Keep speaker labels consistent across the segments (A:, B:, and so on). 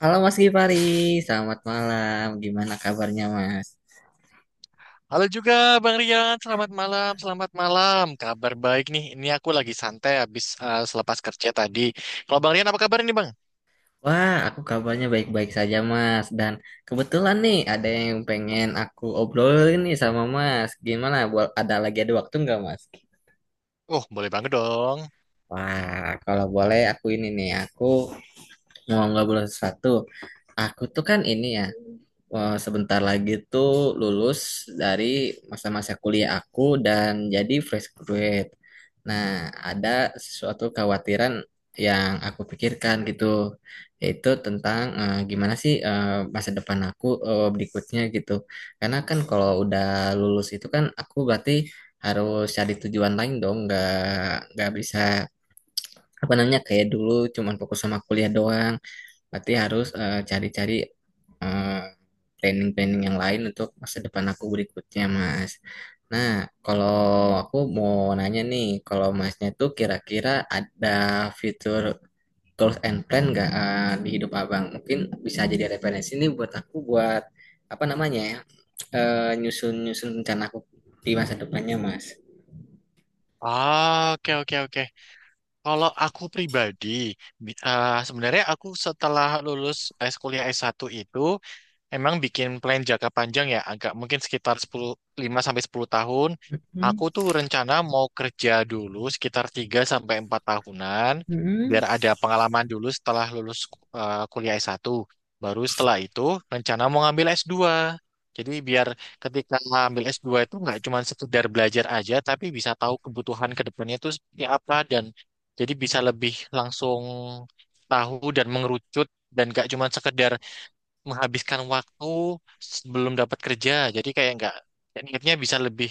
A: Halo Mas Gifari, selamat malam. Gimana kabarnya Mas?
B: Halo juga Bang Rian, selamat malam, selamat malam. Kabar baik nih, ini aku lagi santai habis selepas kerja tadi. Kalau Bang Rian apa kabar ini Bang?
A: Wah, aku kabarnya baik-baik saja Mas. Dan kebetulan nih ada yang pengen aku obrolin nih sama Mas. Gimana? Ada ada waktu nggak Mas?
B: Oh, boleh banget dong.
A: Wah, kalau boleh aku ini nih, aku mau ngobrol sesuatu. Aku tuh kan ini ya, sebentar lagi tuh lulus dari masa-masa kuliah aku dan jadi fresh graduate. Nah, ada sesuatu kekhawatiran yang aku pikirkan gitu, yaitu tentang gimana sih masa depan aku berikutnya gitu. Karena kan kalau udah lulus itu kan aku berarti harus cari tujuan lain dong, nggak bisa apa namanya kayak dulu cuman fokus sama kuliah doang. Berarti harus cari-cari eh, planning-planning yang lain untuk masa depan aku berikutnya, Mas. Nah, kalau aku mau nanya nih, kalau Masnya tuh kira-kira ada fitur goals and plan nggak di hidup Abang? Mungkin bisa jadi referensi nih buat aku buat apa namanya ya, nyusun-nyusun rencana aku di masa depannya, Mas.
B: Ah, oke, oke, oke. Kalau aku pribadi, sebenarnya aku setelah lulus kuliah S1 itu, emang bikin plan jangka panjang ya, agak mungkin sekitar 5 sampai 10 tahun.
A: Hmm.
B: Aku tuh rencana mau kerja dulu sekitar 3 sampai 4 tahunan,
A: Hmm.
B: biar ada pengalaman dulu setelah lulus kuliah S1. Baru setelah itu rencana mau ngambil S2. Jadi biar ketika ngambil S2 itu nggak cuma sekedar belajar aja, tapi bisa tahu kebutuhan ke depannya itu seperti apa dan jadi bisa lebih langsung tahu dan mengerucut dan gak cuma sekedar menghabiskan waktu sebelum dapat kerja. Jadi kayak nggak kayak niatnya bisa lebih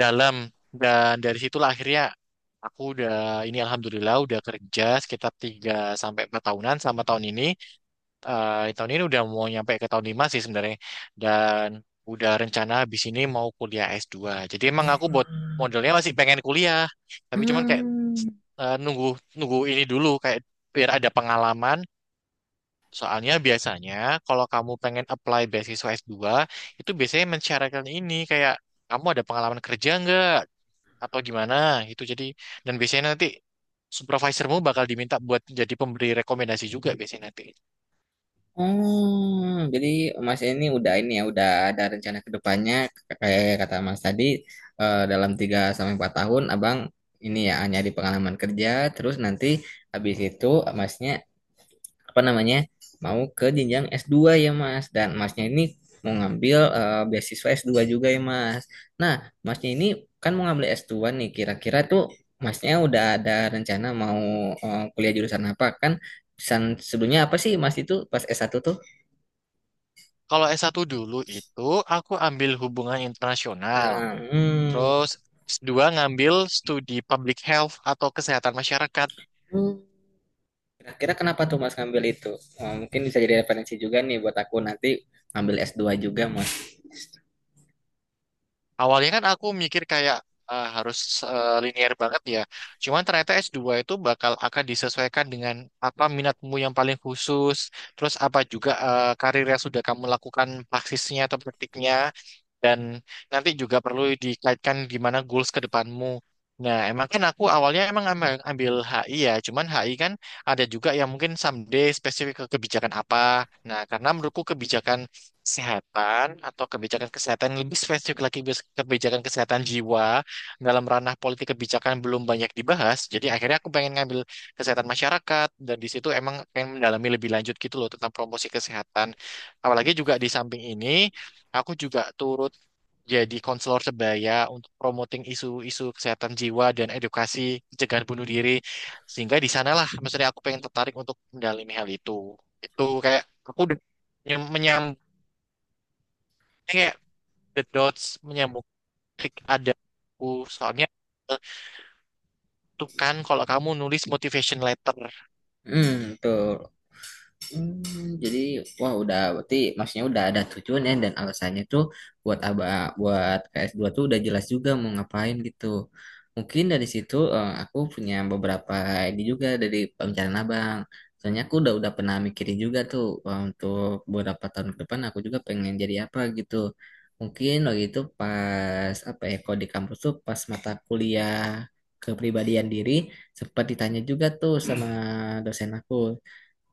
B: dalam, dan dari situlah akhirnya aku udah ini alhamdulillah udah kerja sekitar 3 sampai 4 tahunan sama tahun ini. Tahun ini udah mau nyampe ke tahun 5 sih sebenarnya, dan udah rencana habis ini mau kuliah S2. Jadi emang aku buat modelnya masih pengen kuliah, tapi cuman kayak
A: Hmm.
B: nunggu nunggu ini dulu kayak biar ada pengalaman. Soalnya biasanya kalau kamu pengen apply beasiswa S2 itu biasanya mensyaratkan ini kayak kamu ada pengalaman kerja nggak atau gimana itu, jadi dan biasanya nanti supervisormu bakal diminta buat jadi pemberi rekomendasi juga biasanya nanti.
A: Hmm, jadi Mas ini udah ini ya, udah ada rencana ke depannya kayak kata Mas tadi, dalam 3 sampai 4 tahun Abang ini ya hanya di pengalaman kerja terus nanti habis itu Masnya apa namanya mau ke jenjang S2 ya Mas dan Masnya ini mau ngambil beasiswa s dua juga ya Mas. Nah, Masnya ini kan mau ngambil S2 nih kira-kira tuh Masnya udah ada rencana mau kuliah jurusan apa kan? Jurusan sebelumnya apa sih Mas itu pas S1 tuh?
B: Kalau S1 dulu itu aku ambil hubungan internasional,
A: Nah, hmm.
B: terus S2 ngambil studi public health atau kesehatan masyarakat.
A: Hmm. Kira-kira kenapa tuh Mas ngambil itu? Mungkin bisa jadi referensi juga nih buat aku nanti ngambil S2 juga Mas.
B: Awalnya kan aku mikir kayak harus linear banget ya. Cuman ternyata S2 itu bakal akan disesuaikan dengan apa minatmu yang paling khusus, terus apa juga karir yang sudah kamu lakukan praksisnya atau praktiknya, dan nanti juga perlu dikaitkan gimana goals ke depanmu. Nah, emang kan aku awalnya emang ambil HI ya, cuman HI kan ada juga yang mungkin someday spesifik ke kebijakan apa. Nah, karena menurutku kebijakan kesehatan atau kebijakan kesehatan lebih spesifik lagi kebijakan kesehatan jiwa dalam ranah politik kebijakan belum banyak dibahas. Jadi akhirnya aku pengen ngambil kesehatan masyarakat, dan di situ emang pengen mendalami lebih lanjut gitu loh tentang promosi kesehatan. Apalagi juga di samping ini aku juga turut jadi konselor sebaya untuk promoting isu-isu kesehatan jiwa dan edukasi pencegahan bunuh diri, sehingga di sanalah maksudnya aku pengen tertarik untuk mendalami hal itu. Itu kayak aku udah menyambung the dots, menyambung klik ada aku, soalnya itu kan kalau kamu nulis motivation letter.
A: Hmm, tuh. Hmm, jadi wah udah berarti maksudnya udah ada tujuannya dan alasannya tuh buat aba buat ks dua tuh udah jelas juga mau ngapain gitu. Mungkin dari situ aku punya beberapa ini juga dari pembicaraan Abang. Soalnya aku udah pernah mikirin juga tuh, untuk beberapa tahun ke depan aku juga pengen jadi apa gitu. Mungkin waktu itu pas apa ya, kalau di kampus tuh pas mata kuliah kepribadian diri sempat ditanya juga tuh sama dosen aku,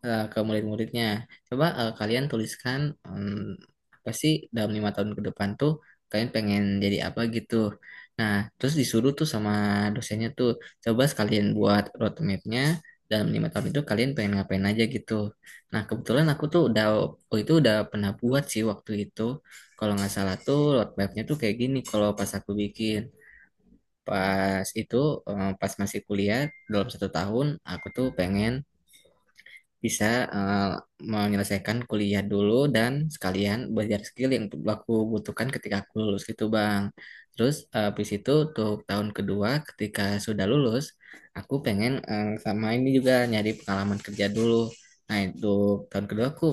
A: ke murid-muridnya. Coba kalian tuliskan, em, apa sih dalam 5 tahun ke depan tuh kalian pengen jadi apa gitu. Nah, terus disuruh tuh sama dosennya tuh coba sekalian buat roadmapnya dalam 5 tahun itu kalian pengen ngapain aja gitu. Nah, kebetulan aku tuh udah oh itu udah pernah buat sih waktu itu. Kalau nggak salah tuh roadmapnya tuh kayak gini kalau pas aku bikin. Pas itu pas masih kuliah dalam 1 tahun aku tuh pengen bisa eh, menyelesaikan kuliah dulu dan sekalian belajar skill yang aku butuhkan ketika aku lulus gitu Bang. Terus habis itu untuk tahun kedua ketika sudah lulus, aku pengen sama ini juga nyari pengalaman kerja dulu. Nah, itu tahun kedua aku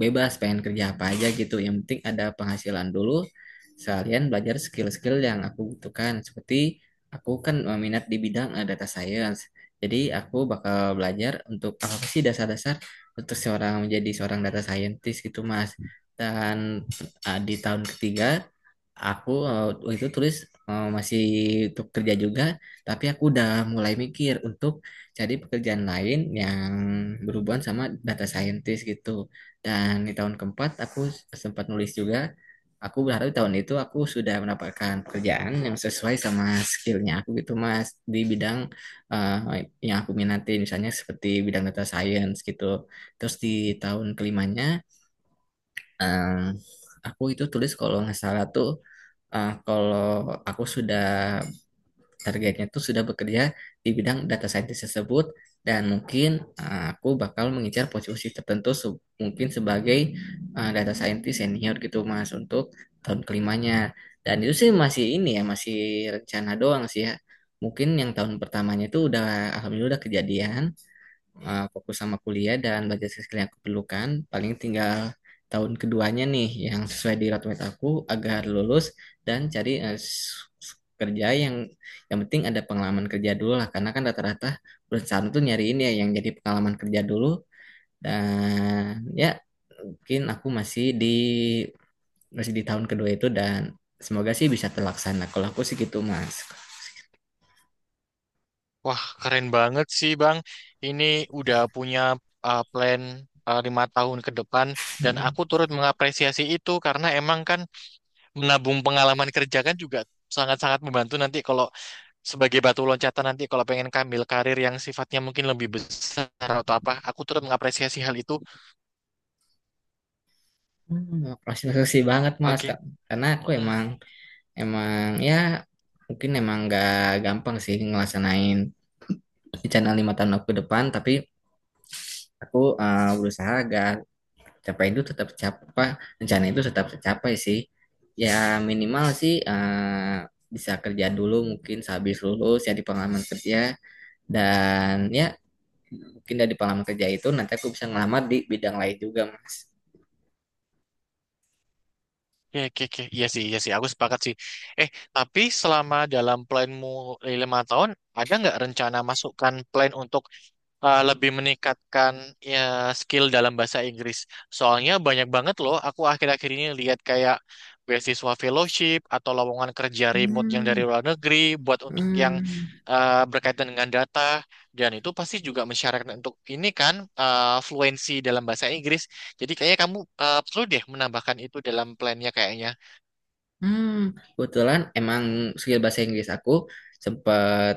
A: bebas pengen kerja apa aja gitu yang penting ada penghasilan dulu sekalian belajar skill-skill yang aku butuhkan seperti aku kan minat di bidang data science, jadi aku bakal belajar untuk apa sih dasar-dasar untuk seorang menjadi seorang data scientist gitu Mas. Dan di tahun ketiga aku waktu itu tulis masih untuk kerja juga, tapi aku udah mulai mikir untuk cari pekerjaan lain yang berhubungan sama data scientist gitu. Dan di tahun keempat aku sempat nulis juga. Aku berharap di tahun itu aku sudah mendapatkan pekerjaan yang sesuai sama skillnya aku gitu Mas di bidang yang aku minati misalnya seperti bidang data science gitu. Terus di tahun kelimanya eh, aku itu tulis kalau nggak salah tuh, kalau aku sudah targetnya itu sudah bekerja di bidang data scientist tersebut dan mungkin aku bakal mengincar posisi tertentu, mungkin sebagai data scientist senior gitu Mas untuk tahun kelimanya. Dan itu sih masih ini ya masih rencana doang sih ya. Mungkin yang tahun pertamanya itu udah alhamdulillah udah kejadian, fokus sama kuliah dan belajar skill yang aku perlukan. Paling tinggal tahun keduanya nih yang sesuai di roadmap aku agar lulus dan cari kerja yang penting ada pengalaman kerja dulu lah karena kan rata-rata perusahaan tuh nyariin ya yang jadi pengalaman kerja dulu dan ya mungkin aku masih di tahun kedua itu dan semoga sih bisa terlaksana. Kalau aku sih gitu Mas.
B: Wah, keren banget sih, Bang. Ini udah punya plan 5 tahun ke depan, dan
A: Hmm,
B: aku turut mengapresiasi itu, karena emang kan menabung pengalaman kerja kan juga sangat-sangat membantu nanti kalau sebagai batu loncatan nanti kalau pengen kambil karir yang sifatnya mungkin lebih besar atau apa. Aku turut mengapresiasi hal itu.
A: makasih banget Mas
B: Oke.
A: Kak. Karena aku
B: Hmm.
A: emang Emang ya mungkin emang nggak gampang sih ngelaksanain rencana 5 tahun aku ke depan, tapi aku berusaha agar capai itu tetap capai, rencana itu tetap tercapai sih. Ya minimal sih bisa kerja dulu mungkin sehabis lulus ya di pengalaman kerja dan ya mungkin dari pengalaman kerja itu nanti aku bisa ngelamar di bidang lain juga Mas.
B: Ya, oke, oke. Iya sih, iya sih. Aku sepakat sih. Eh, tapi selama dalam planmu 5 tahun, ada nggak rencana masukkan plan untuk lebih meningkatkan ya, skill dalam bahasa Inggris? Soalnya banyak banget loh. Aku akhir-akhir ini lihat kayak beasiswa fellowship atau lowongan kerja remote yang
A: Hmm,
B: dari luar negeri buat untuk yang
A: hmm.
B: berkaitan dengan data. Dan itu pasti juga mensyaratkan untuk ini kan fluensi dalam bahasa Inggris. Jadi kayaknya kamu perlu deh menambahkan itu dalam plannya kayaknya.
A: Hmm, kebetulan emang skill bahasa Inggris aku sempat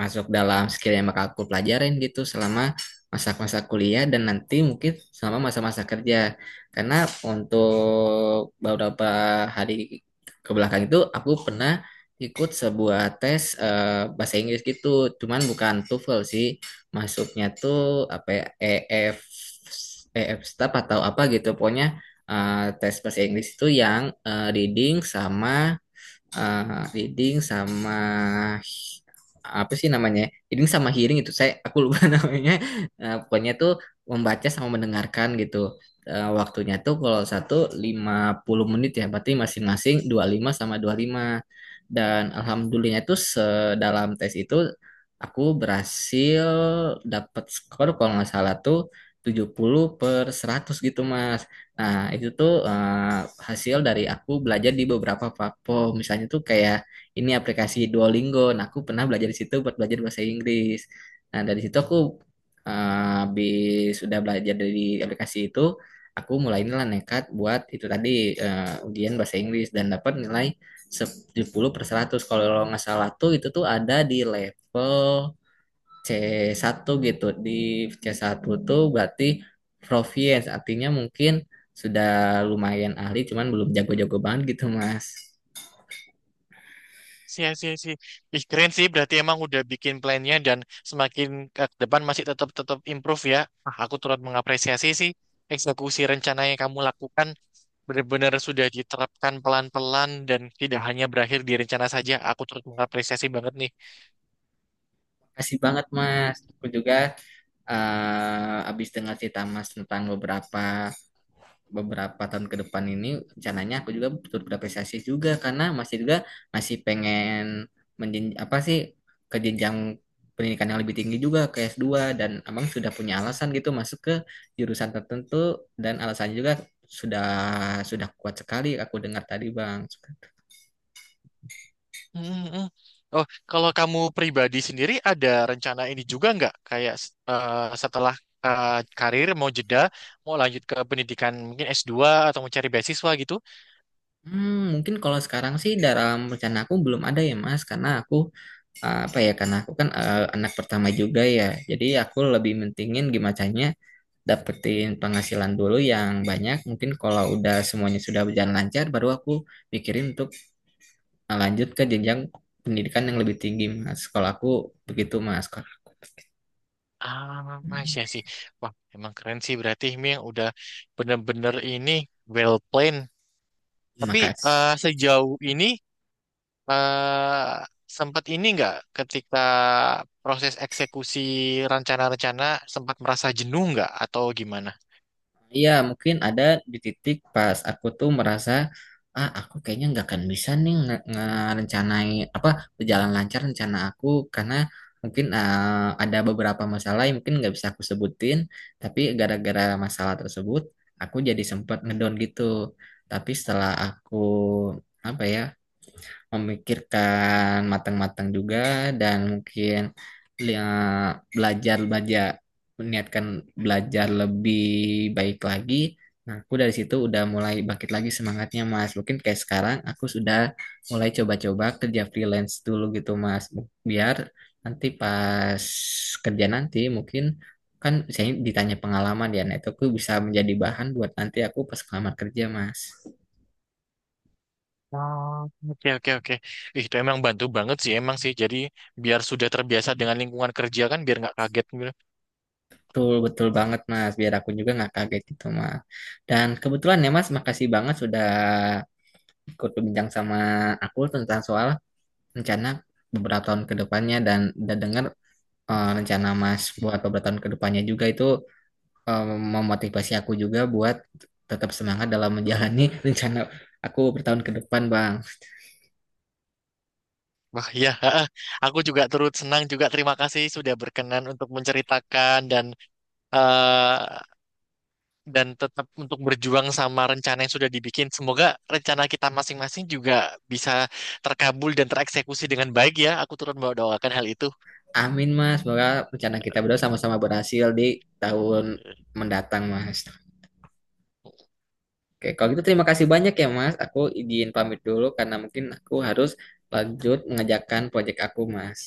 A: masuk dalam skill yang bakal aku pelajarin gitu selama masa-masa kuliah dan nanti mungkin selama masa-masa kerja. Karena untuk beberapa hari ke belakang itu aku pernah ikut sebuah tes bahasa Inggris gitu, cuman bukan TOEFL sih. Masuknya tuh apa ya, EF EF staff atau apa gitu. Pokoknya tes bahasa Inggris itu yang reading sama apa sih namanya? Reading sama hearing itu aku lupa namanya. Eh, pokoknya tuh membaca sama mendengarkan gitu. Eh, waktunya tuh kalau 1 50 menit ya, berarti masing-masing 25 sama 25. Dan alhamdulillahnya tuh sedalam tes itu aku berhasil dapat skor kalau nggak salah tuh 70/100 gitu Mas. Nah, itu tuh hasil dari aku belajar di beberapa platform. Misalnya tuh kayak ini aplikasi Duolingo. Nah, aku pernah belajar di situ buat belajar bahasa Inggris. Nah, dari situ aku eh, habis sudah belajar dari aplikasi itu, aku mulai nilai nekat buat itu tadi ujian bahasa Inggris dan dapat nilai 10 per 100. Kalau nggak salah tuh itu tuh ada di level C1 gitu. Di C1 tuh berarti proficiency artinya mungkin sudah lumayan ahli cuman belum jago-jago banget gitu, Mas.
B: Sih, sih, sih. Ih, keren sih. Berarti emang udah bikin plannya dan semakin ke depan masih tetap tetap improve ya. Ah, aku turut mengapresiasi sih eksekusi rencana yang kamu lakukan benar-benar sudah diterapkan pelan-pelan dan tidak hanya berakhir di rencana saja. Aku turut mengapresiasi banget nih.
A: Makasih banget, Mas. Aku juga habis dengar cerita Mas tentang beberapa beberapa tahun ke depan ini rencananya aku juga betul berapresiasi juga karena masih pengen menjen apa sih ke jenjang pendidikan yang lebih tinggi juga ke S2 dan abang sudah punya
B: Hmm,
A: alasan gitu masuk ke jurusan tertentu dan alasannya juga sudah sudah kuat sekali aku dengar tadi bang.
B: hmm, hmm. Oh, kalau kamu pribadi sendiri ada rencana ini juga nggak? Kayak setelah eh, karir mau jeda, mau lanjut ke pendidikan mungkin S2 atau mau cari beasiswa gitu?
A: Hmm, mungkin kalau sekarang sih dalam rencana aku belum ada ya Mas karena aku apa ya karena aku kan anak pertama juga ya. Jadi aku lebih mentingin gimana caranya dapetin penghasilan dulu yang banyak. Mungkin kalau udah semuanya sudah berjalan lancar, baru aku pikirin untuk lanjut ke jenjang pendidikan yang lebih tinggi, Mas. Kalau aku begitu, Mas. Kalau-
B: Ah,
A: Hmm.
B: iya sih. Wah, emang keren sih, berarti ini yang udah bener-bener ini well planned. Tapi
A: Makasih.
B: sejauh ini eh sempat ini nggak ketika proses eksekusi rencana-rencana sempat merasa jenuh nggak atau gimana?
A: Iya, mungkin ada di titik pas aku tuh merasa, ah, aku kayaknya nggak akan bisa nih ngerencanain apa berjalan lancar rencana aku karena mungkin ah, ada beberapa masalah yang mungkin nggak bisa aku sebutin, tapi gara-gara masalah tersebut aku jadi sempat ngedown gitu. Tapi setelah aku apa ya? Memikirkan matang-matang juga dan mungkin ya, belajar belajar niatkan belajar lebih baik lagi. Nah, aku dari situ udah mulai bangkit lagi semangatnya, Mas. Mungkin kayak sekarang aku sudah mulai coba-coba kerja freelance dulu gitu, Mas. Biar nanti pas kerja nanti mungkin kan ditanya pengalaman ya, nah itu aku bisa menjadi bahan buat nanti aku pas kelamar kerja, Mas.
B: Oh, oke, oke, oke. Ih, itu emang bantu banget sih, emang sih. Jadi biar sudah terbiasa dengan lingkungan kerja kan, biar nggak kaget gitu.
A: Betul, betul banget Mas. Biar aku juga nggak kaget gitu Mas. Dan kebetulan ya Mas, makasih banget sudah ikut berbincang sama aku tentang soal rencana beberapa tahun ke depannya dan udah dengar rencana Mas buat beberapa tahun ke depannya juga itu eh, memotivasi aku juga buat tetap semangat dalam menjalani rencana aku bertahun ke depan Bang.
B: Wah, ya, aku juga turut senang juga. Terima kasih sudah berkenan untuk menceritakan eh, dan tetap untuk berjuang sama rencana yang sudah dibikin. Semoga rencana kita masing-masing juga bisa terkabul dan tereksekusi dengan baik ya. Aku turut mendoakan hal itu.
A: Amin Mas, semoga rencana kita berdua sama-sama berhasil di tahun mendatang Mas. Oke, kalau gitu terima kasih banyak ya Mas. Aku izin pamit dulu karena mungkin aku harus lanjut mengerjakan proyek aku Mas.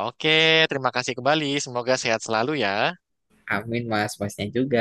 B: Oke, terima kasih kembali. Semoga sehat selalu ya.
A: Amin Mas, Masnya juga.